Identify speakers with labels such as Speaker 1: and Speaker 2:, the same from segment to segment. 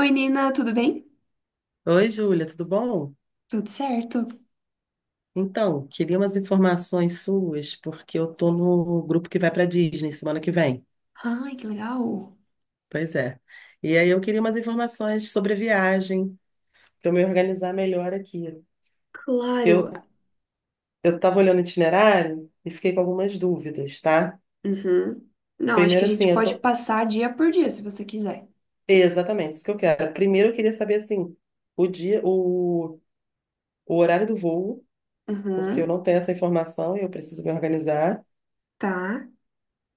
Speaker 1: Oi, Nina, tudo bem?
Speaker 2: Oi, Júlia, tudo bom?
Speaker 1: Tudo certo?
Speaker 2: Então, queria umas informações suas, porque eu tô no grupo que vai para Disney semana que vem.
Speaker 1: Ai, que legal.
Speaker 2: Pois é. E aí eu queria umas informações sobre a viagem, para eu me organizar melhor aqui. Que
Speaker 1: Claro.
Speaker 2: eu, eu tava olhando o itinerário e fiquei com algumas dúvidas, tá?
Speaker 1: Uhum. Não, acho que a
Speaker 2: Primeiro,
Speaker 1: gente
Speaker 2: assim, eu
Speaker 1: pode
Speaker 2: tô.
Speaker 1: passar dia por dia, se você quiser.
Speaker 2: Exatamente, isso que eu quero. Primeiro, eu queria saber, assim, o dia, o, o horário do voo, porque eu não
Speaker 1: Uhum.
Speaker 2: tenho essa informação e eu preciso me organizar.
Speaker 1: Tá,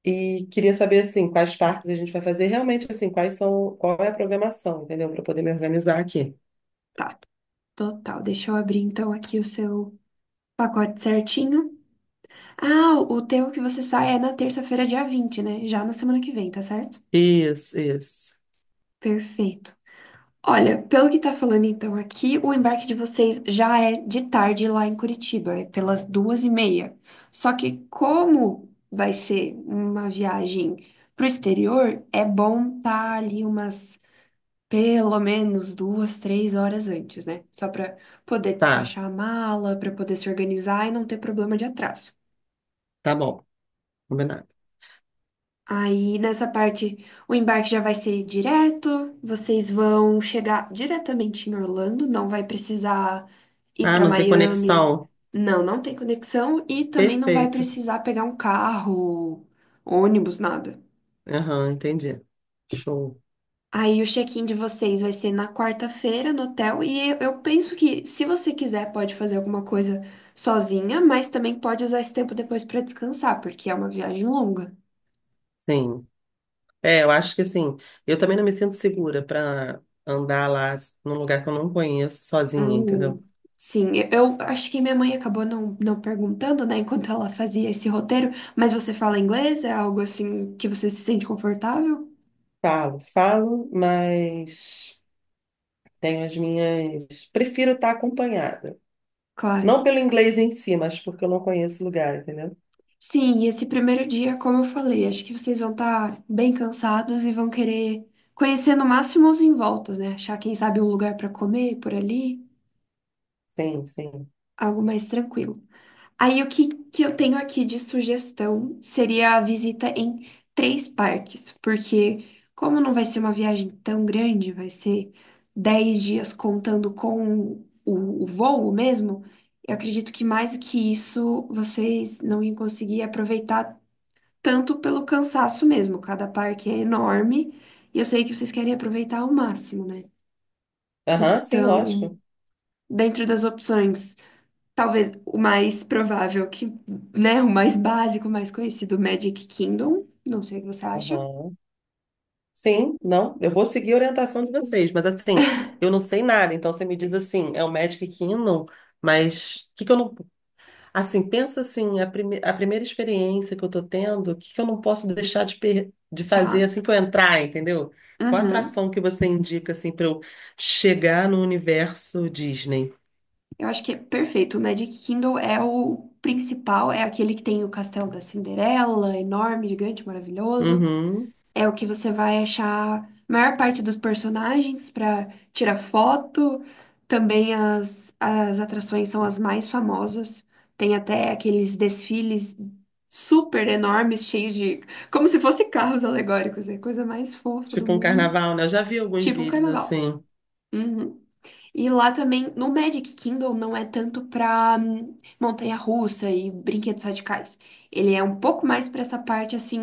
Speaker 2: E queria saber, assim, quais parques a gente vai fazer, realmente, assim, quais são, qual é a programação, entendeu? Para poder me organizar aqui.
Speaker 1: tá. Total. Deixa eu abrir então aqui o seu pacote certinho. Ah, o teu que você sai é na terça-feira, dia 20, né? Já na semana que vem, tá certo?
Speaker 2: Isso, isso.
Speaker 1: Perfeito. Olha, pelo que tá falando então aqui, o embarque de vocês já é de tarde lá em Curitiba, é pelas 2h30. Só que como vai ser uma viagem pro exterior, é bom estar ali umas pelo menos 2, 3 horas antes, né? Só para poder
Speaker 2: Tá,
Speaker 1: despachar a mala, para poder se organizar e não ter problema de atraso.
Speaker 2: tá bom, combinado.
Speaker 1: Aí nessa parte, o embarque já vai ser direto, vocês vão chegar diretamente em Orlando, não vai precisar ir
Speaker 2: Ah,
Speaker 1: para
Speaker 2: não tem
Speaker 1: Miami.
Speaker 2: conexão.
Speaker 1: Não, não tem conexão e também não vai
Speaker 2: Perfeito.
Speaker 1: precisar pegar um carro, ônibus, nada.
Speaker 2: Aham, entendi. Show.
Speaker 1: Aí o check-in de vocês vai ser na quarta-feira no hotel e eu penso que se você quiser pode fazer alguma coisa sozinha, mas também pode usar esse tempo depois para descansar, porque é uma viagem longa.
Speaker 2: Sim. É, eu acho que, assim, eu também não me sinto segura para andar lá num lugar que eu não conheço sozinha,
Speaker 1: Hum,
Speaker 2: entendeu?
Speaker 1: sim, eu acho que minha mãe acabou não perguntando, né, enquanto ela fazia esse roteiro, mas você fala inglês? É algo assim que você se sente confortável?
Speaker 2: Falo, falo, mas tenho as minhas. Prefiro estar acompanhada.
Speaker 1: Claro.
Speaker 2: Não pelo inglês em si, mas porque eu não conheço o lugar, entendeu?
Speaker 1: Sim, e esse primeiro dia, como eu falei, acho que vocês vão estar bem cansados e vão querer conhecer no máximo os envoltos, né? Achar, quem sabe, um lugar para comer por ali,
Speaker 2: Sim, sim.
Speaker 1: algo mais tranquilo. Aí o que, que eu tenho aqui de sugestão seria a visita em três parques, porque como não vai ser uma viagem tão grande, vai ser 10 dias contando com o voo mesmo, eu acredito que mais do que isso vocês não iam conseguir aproveitar tanto pelo cansaço mesmo. Cada parque é enorme e eu sei que vocês querem aproveitar ao máximo, né?
Speaker 2: Aham, sim,
Speaker 1: Então,
Speaker 2: lógico.
Speaker 1: dentro das opções. Talvez o mais provável que, né, o mais básico, o mais conhecido, Magic Kingdom. Não sei o que você acha.
Speaker 2: Aham. Sim, não, eu vou seguir a orientação de vocês, mas assim, eu não sei nada, então você me diz assim, é o Magic Kingdom, mas o que que eu não. Assim, pensa assim, a, prime... a primeira experiência que eu tô tendo, o que que eu não posso deixar de, per... de fazer
Speaker 1: Tá.
Speaker 2: assim que eu entrar, entendeu? Qual a
Speaker 1: Uhum.
Speaker 2: atração que você indica, assim, para eu chegar no universo Disney?
Speaker 1: Eu acho que é perfeito. O Magic Kingdom é o principal, é aquele que tem o Castelo da Cinderela, enorme, gigante, maravilhoso.
Speaker 2: Uhum.
Speaker 1: É o que você vai achar a maior parte dos personagens para tirar foto. Também as atrações são as mais famosas. Tem até aqueles desfiles super enormes, cheios de. Como se fossem carros alegóricos. É a coisa mais fofa do
Speaker 2: Tipo um
Speaker 1: mundo.
Speaker 2: carnaval, né? Eu já vi alguns
Speaker 1: Tipo um
Speaker 2: vídeos
Speaker 1: carnaval.
Speaker 2: assim.
Speaker 1: Uhum. E lá também, no Magic Kingdom, não é tanto pra montanha-russa e brinquedos radicais. Ele é um pouco mais pra essa parte, assim,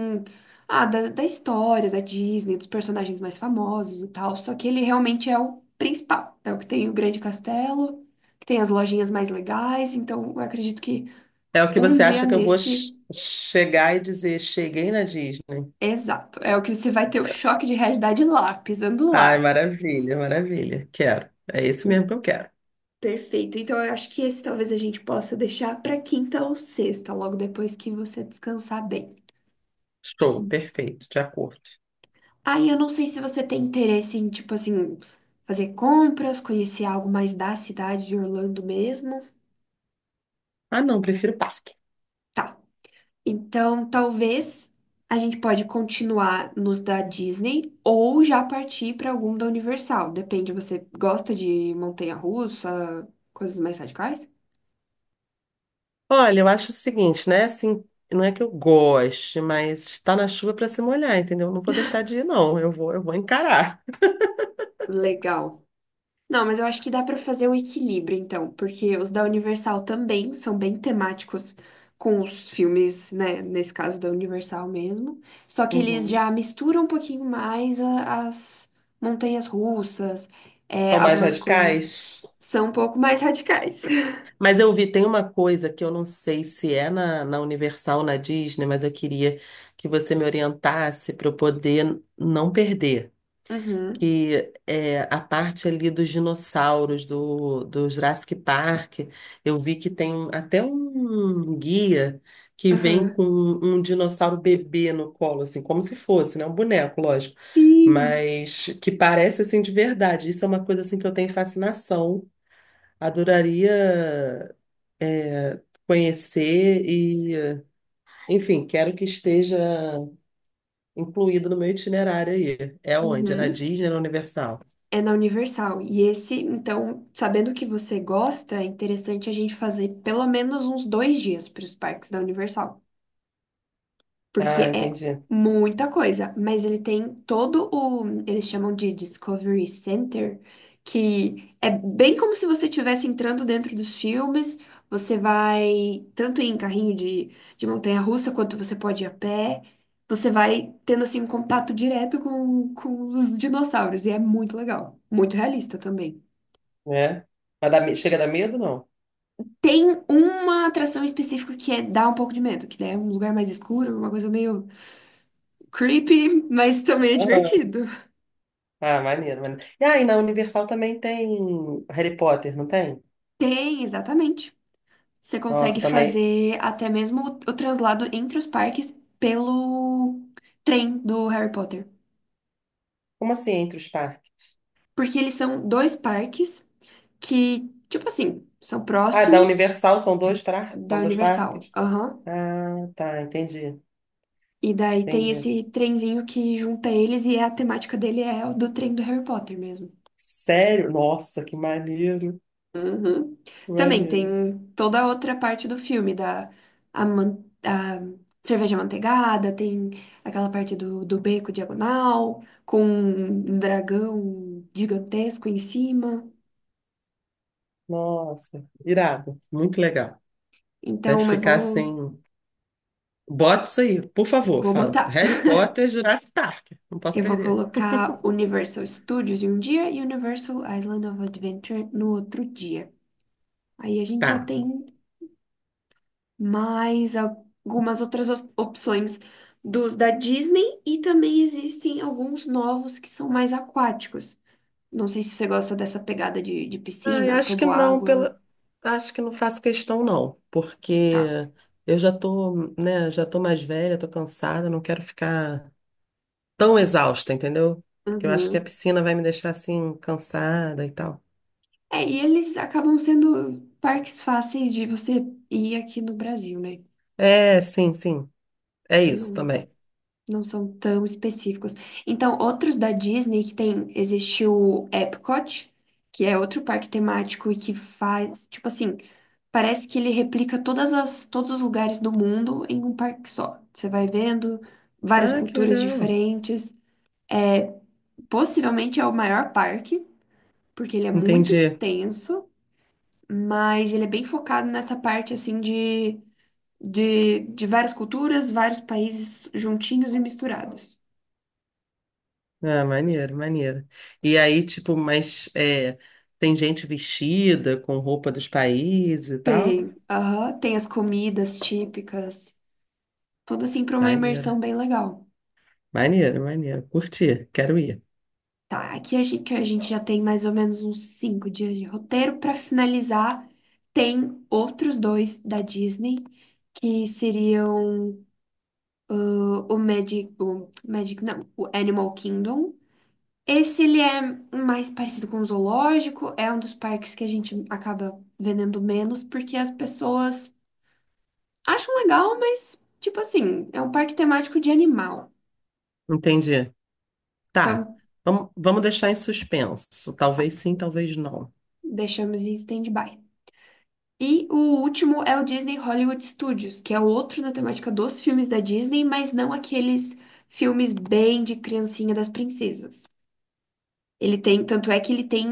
Speaker 1: da, história, da Disney, dos personagens mais famosos e tal. Só que ele realmente é o principal. É o que tem o Grande Castelo, que tem as lojinhas mais legais. Então, eu acredito que
Speaker 2: É o que
Speaker 1: um
Speaker 2: você
Speaker 1: dia
Speaker 2: acha que eu vou
Speaker 1: nesse,
Speaker 2: chegar e dizer, cheguei na Disney.
Speaker 1: exato, é o que você vai ter o choque de realidade lá, pisando
Speaker 2: Ai,
Speaker 1: lá.
Speaker 2: maravilha, maravilha. Quero. É esse mesmo que eu quero.
Speaker 1: Perfeito. Então, eu acho que esse talvez a gente possa deixar para quinta ou sexta, logo depois que você descansar bem.
Speaker 2: Show, perfeito, de acordo.
Speaker 1: Aí, eu não sei se você tem interesse em, tipo assim, fazer compras, conhecer algo mais da cidade de Orlando mesmo.
Speaker 2: Ah, não, prefiro parque.
Speaker 1: Tá. Então, talvez a gente pode continuar nos da Disney ou já partir para algum da Universal. Depende, você gosta de montanha-russa, coisas mais radicais?
Speaker 2: Olha, eu acho o seguinte, né? Assim, não é que eu goste, mas está na chuva para se molhar, entendeu? Não vou deixar de ir, não. Eu vou encarar.
Speaker 1: Legal. Não, mas eu acho que dá para fazer um equilíbrio, então, porque os da Universal também são bem temáticos com os filmes, né? Nesse caso da Universal mesmo. Só que eles
Speaker 2: Uhum.
Speaker 1: já misturam um pouquinho mais as montanhas russas, é,
Speaker 2: São mais
Speaker 1: algumas coisas
Speaker 2: radicais?
Speaker 1: são um pouco mais radicais.
Speaker 2: Mas eu vi, tem uma coisa que eu não sei se é na Universal, na Disney, mas eu queria que você me orientasse para eu poder não perder.
Speaker 1: Uhum,
Speaker 2: Que é a parte ali dos dinossauros do Jurassic Park. Eu vi que tem até um guia que vem
Speaker 1: aham.
Speaker 2: com um dinossauro bebê no colo, assim, como se fosse, né? Um boneco, lógico.
Speaker 1: Sim.
Speaker 2: Mas que parece assim de verdade. Isso é uma coisa assim que eu tenho fascinação. Adoraria conhecer e, enfim, quero que esteja incluído no meu itinerário aí. É onde? É na
Speaker 1: Uhum.
Speaker 2: Disney, na Universal?
Speaker 1: É na Universal. E esse, então, sabendo que você gosta, é interessante a gente fazer pelo menos uns 2 dias para os parques da Universal, porque
Speaker 2: Ah,
Speaker 1: é
Speaker 2: entendi.
Speaker 1: muita coisa, mas ele tem todo o, eles chamam de Discovery Center, que é bem como se você estivesse entrando dentro dos filmes, você vai tanto em carrinho de, montanha-russa quanto você pode ir a pé, você vai tendo assim um contato direto com os dinossauros, e é muito legal, muito realista também.
Speaker 2: É. Mas dá chega a dar medo, não?
Speaker 1: Tem uma atração específica que é dá um pouco de medo, que daí é um lugar mais escuro, uma coisa meio creepy, mas também é
Speaker 2: Aham.
Speaker 1: divertido.
Speaker 2: Ah, maneiro, maneiro. E aí, na Universal também tem Harry Potter, não tem?
Speaker 1: Tem, exatamente. Você
Speaker 2: Nossa,
Speaker 1: consegue
Speaker 2: também.
Speaker 1: fazer até mesmo o translado entre os parques pelo trem do Harry Potter.
Speaker 2: Como assim, entre os parques?
Speaker 1: Porque eles são dois parques que, tipo assim, são
Speaker 2: Ah, da
Speaker 1: próximos
Speaker 2: Universal são dois,
Speaker 1: da
Speaker 2: são dois
Speaker 1: Universal.
Speaker 2: parques?
Speaker 1: Aham.
Speaker 2: Ah, tá, entendi,
Speaker 1: E daí tem
Speaker 2: entendi.
Speaker 1: esse trenzinho que junta eles e a temática dele é o do trem do Harry Potter mesmo.
Speaker 2: Sério? Nossa, que maneiro,
Speaker 1: Uhum. Também
Speaker 2: maneiro.
Speaker 1: tem toda a outra parte do filme, a cerveja manteigada, tem aquela parte do, beco diagonal, com um dragão gigantesco em cima.
Speaker 2: Nossa, irado, muito legal. Deve
Speaker 1: Então eu
Speaker 2: ficar
Speaker 1: vou,
Speaker 2: assim. Bota isso aí, por favor.
Speaker 1: vou
Speaker 2: Fala.
Speaker 1: botar.
Speaker 2: Harry Potter, Jurassic Park. Não posso
Speaker 1: Eu vou
Speaker 2: perder.
Speaker 1: colocar Universal Studios em um dia e Universal Island of Adventure no outro dia. Aí a gente já
Speaker 2: Tá.
Speaker 1: tem mais algumas outras opções dos da Disney e também existem alguns novos que são mais aquáticos. Não sei se você gosta dessa pegada de
Speaker 2: Ai,
Speaker 1: piscina,
Speaker 2: acho que não,
Speaker 1: toboágua.
Speaker 2: pela... acho que não faço questão, não, porque
Speaker 1: Tá.
Speaker 2: eu já tô, né, já tô mais velha, tô cansada, não quero ficar tão exausta, entendeu? Porque eu acho que a
Speaker 1: Uhum.
Speaker 2: piscina vai me deixar assim, cansada e tal.
Speaker 1: É, e eles acabam sendo parques fáceis de você ir aqui no Brasil, né?
Speaker 2: É, sim, sim, é isso
Speaker 1: Não,
Speaker 2: também.
Speaker 1: não são tão específicos. Então, outros da Disney que tem, existe o Epcot, que é outro parque temático e que faz, tipo assim, parece que ele replica todos os lugares do mundo em um parque só. Você vai vendo várias
Speaker 2: Ah, que
Speaker 1: culturas
Speaker 2: legal,
Speaker 1: diferentes. Possivelmente é o maior parque, porque ele é muito
Speaker 2: entendi.
Speaker 1: extenso, mas ele é bem focado nessa parte assim de várias culturas, vários países juntinhos e misturados.
Speaker 2: Ah, maneiro, maneiro. E aí, tipo, mas é, tem gente vestida com roupa dos países e tal?
Speaker 1: Tem, aham, tem as comidas típicas, tudo assim para uma
Speaker 2: Maneiro,
Speaker 1: imersão bem legal.
Speaker 2: maneiro, maneiro. Curti, quero ir.
Speaker 1: Tá, aqui a gente, que a gente já tem mais ou menos uns 5 dias de roteiro. Para finalizar, tem outros dois da Disney, que seriam o Magic, o Magic, não, o Animal Kingdom. Esse ele é mais parecido com o zoológico, é um dos parques que a gente acaba vendendo menos, porque as pessoas acham legal, mas, tipo assim, é um parque temático de animal.
Speaker 2: Entendi. Tá,
Speaker 1: Então,
Speaker 2: vamos, vamos deixar em suspenso. Talvez sim, talvez não.
Speaker 1: deixamos em stand-by. E o último é o Disney Hollywood Studios, que é outro na temática dos filmes da Disney, mas não aqueles filmes bem de criancinha das princesas. Ele tem, tanto é que ele tem,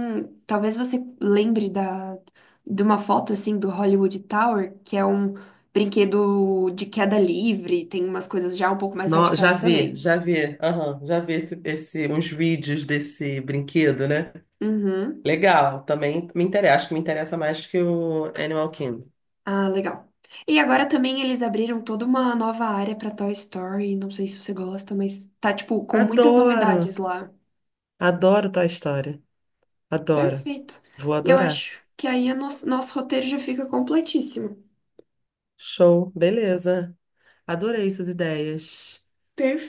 Speaker 1: talvez você lembre da, de uma foto assim do Hollywood Tower, que é um brinquedo de queda livre, tem umas coisas já um pouco mais
Speaker 2: Já
Speaker 1: radicais
Speaker 2: vi,
Speaker 1: também.
Speaker 2: já vi, aham, já vi esse, uns vídeos desse brinquedo, né?
Speaker 1: Uhum.
Speaker 2: Legal, também me interessa, acho que me interessa mais que o Animal Kingdom.
Speaker 1: Ah, legal. E agora também eles abriram toda uma nova área para Toy Story, não sei se você gosta, mas tá tipo com muitas
Speaker 2: Adoro,
Speaker 1: novidades lá.
Speaker 2: adoro Toy Story, adoro,
Speaker 1: Perfeito.
Speaker 2: vou
Speaker 1: E eu
Speaker 2: adorar.
Speaker 1: acho que aí o nosso roteiro já fica completíssimo.
Speaker 2: Show, beleza. Adorei suas ideias.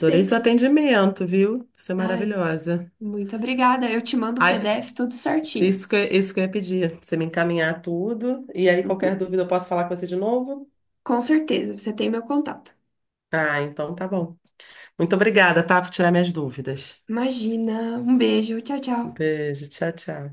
Speaker 2: Adorei seu atendimento, viu? Você é
Speaker 1: Ai,
Speaker 2: maravilhosa.
Speaker 1: muito obrigada. Eu te mando o
Speaker 2: Ai,
Speaker 1: PDF tudo certinho.
Speaker 2: isso que eu ia pedir, você me encaminhar tudo, e aí qualquer
Speaker 1: Uhum.
Speaker 2: dúvida eu posso falar com você de novo?
Speaker 1: Com certeza, você tem meu contato.
Speaker 2: Ah, então tá bom. Muito obrigada, tá, por tirar minhas dúvidas.
Speaker 1: Imagina. Um beijo. Tchau, tchau.
Speaker 2: Beijo, tchau, tchau.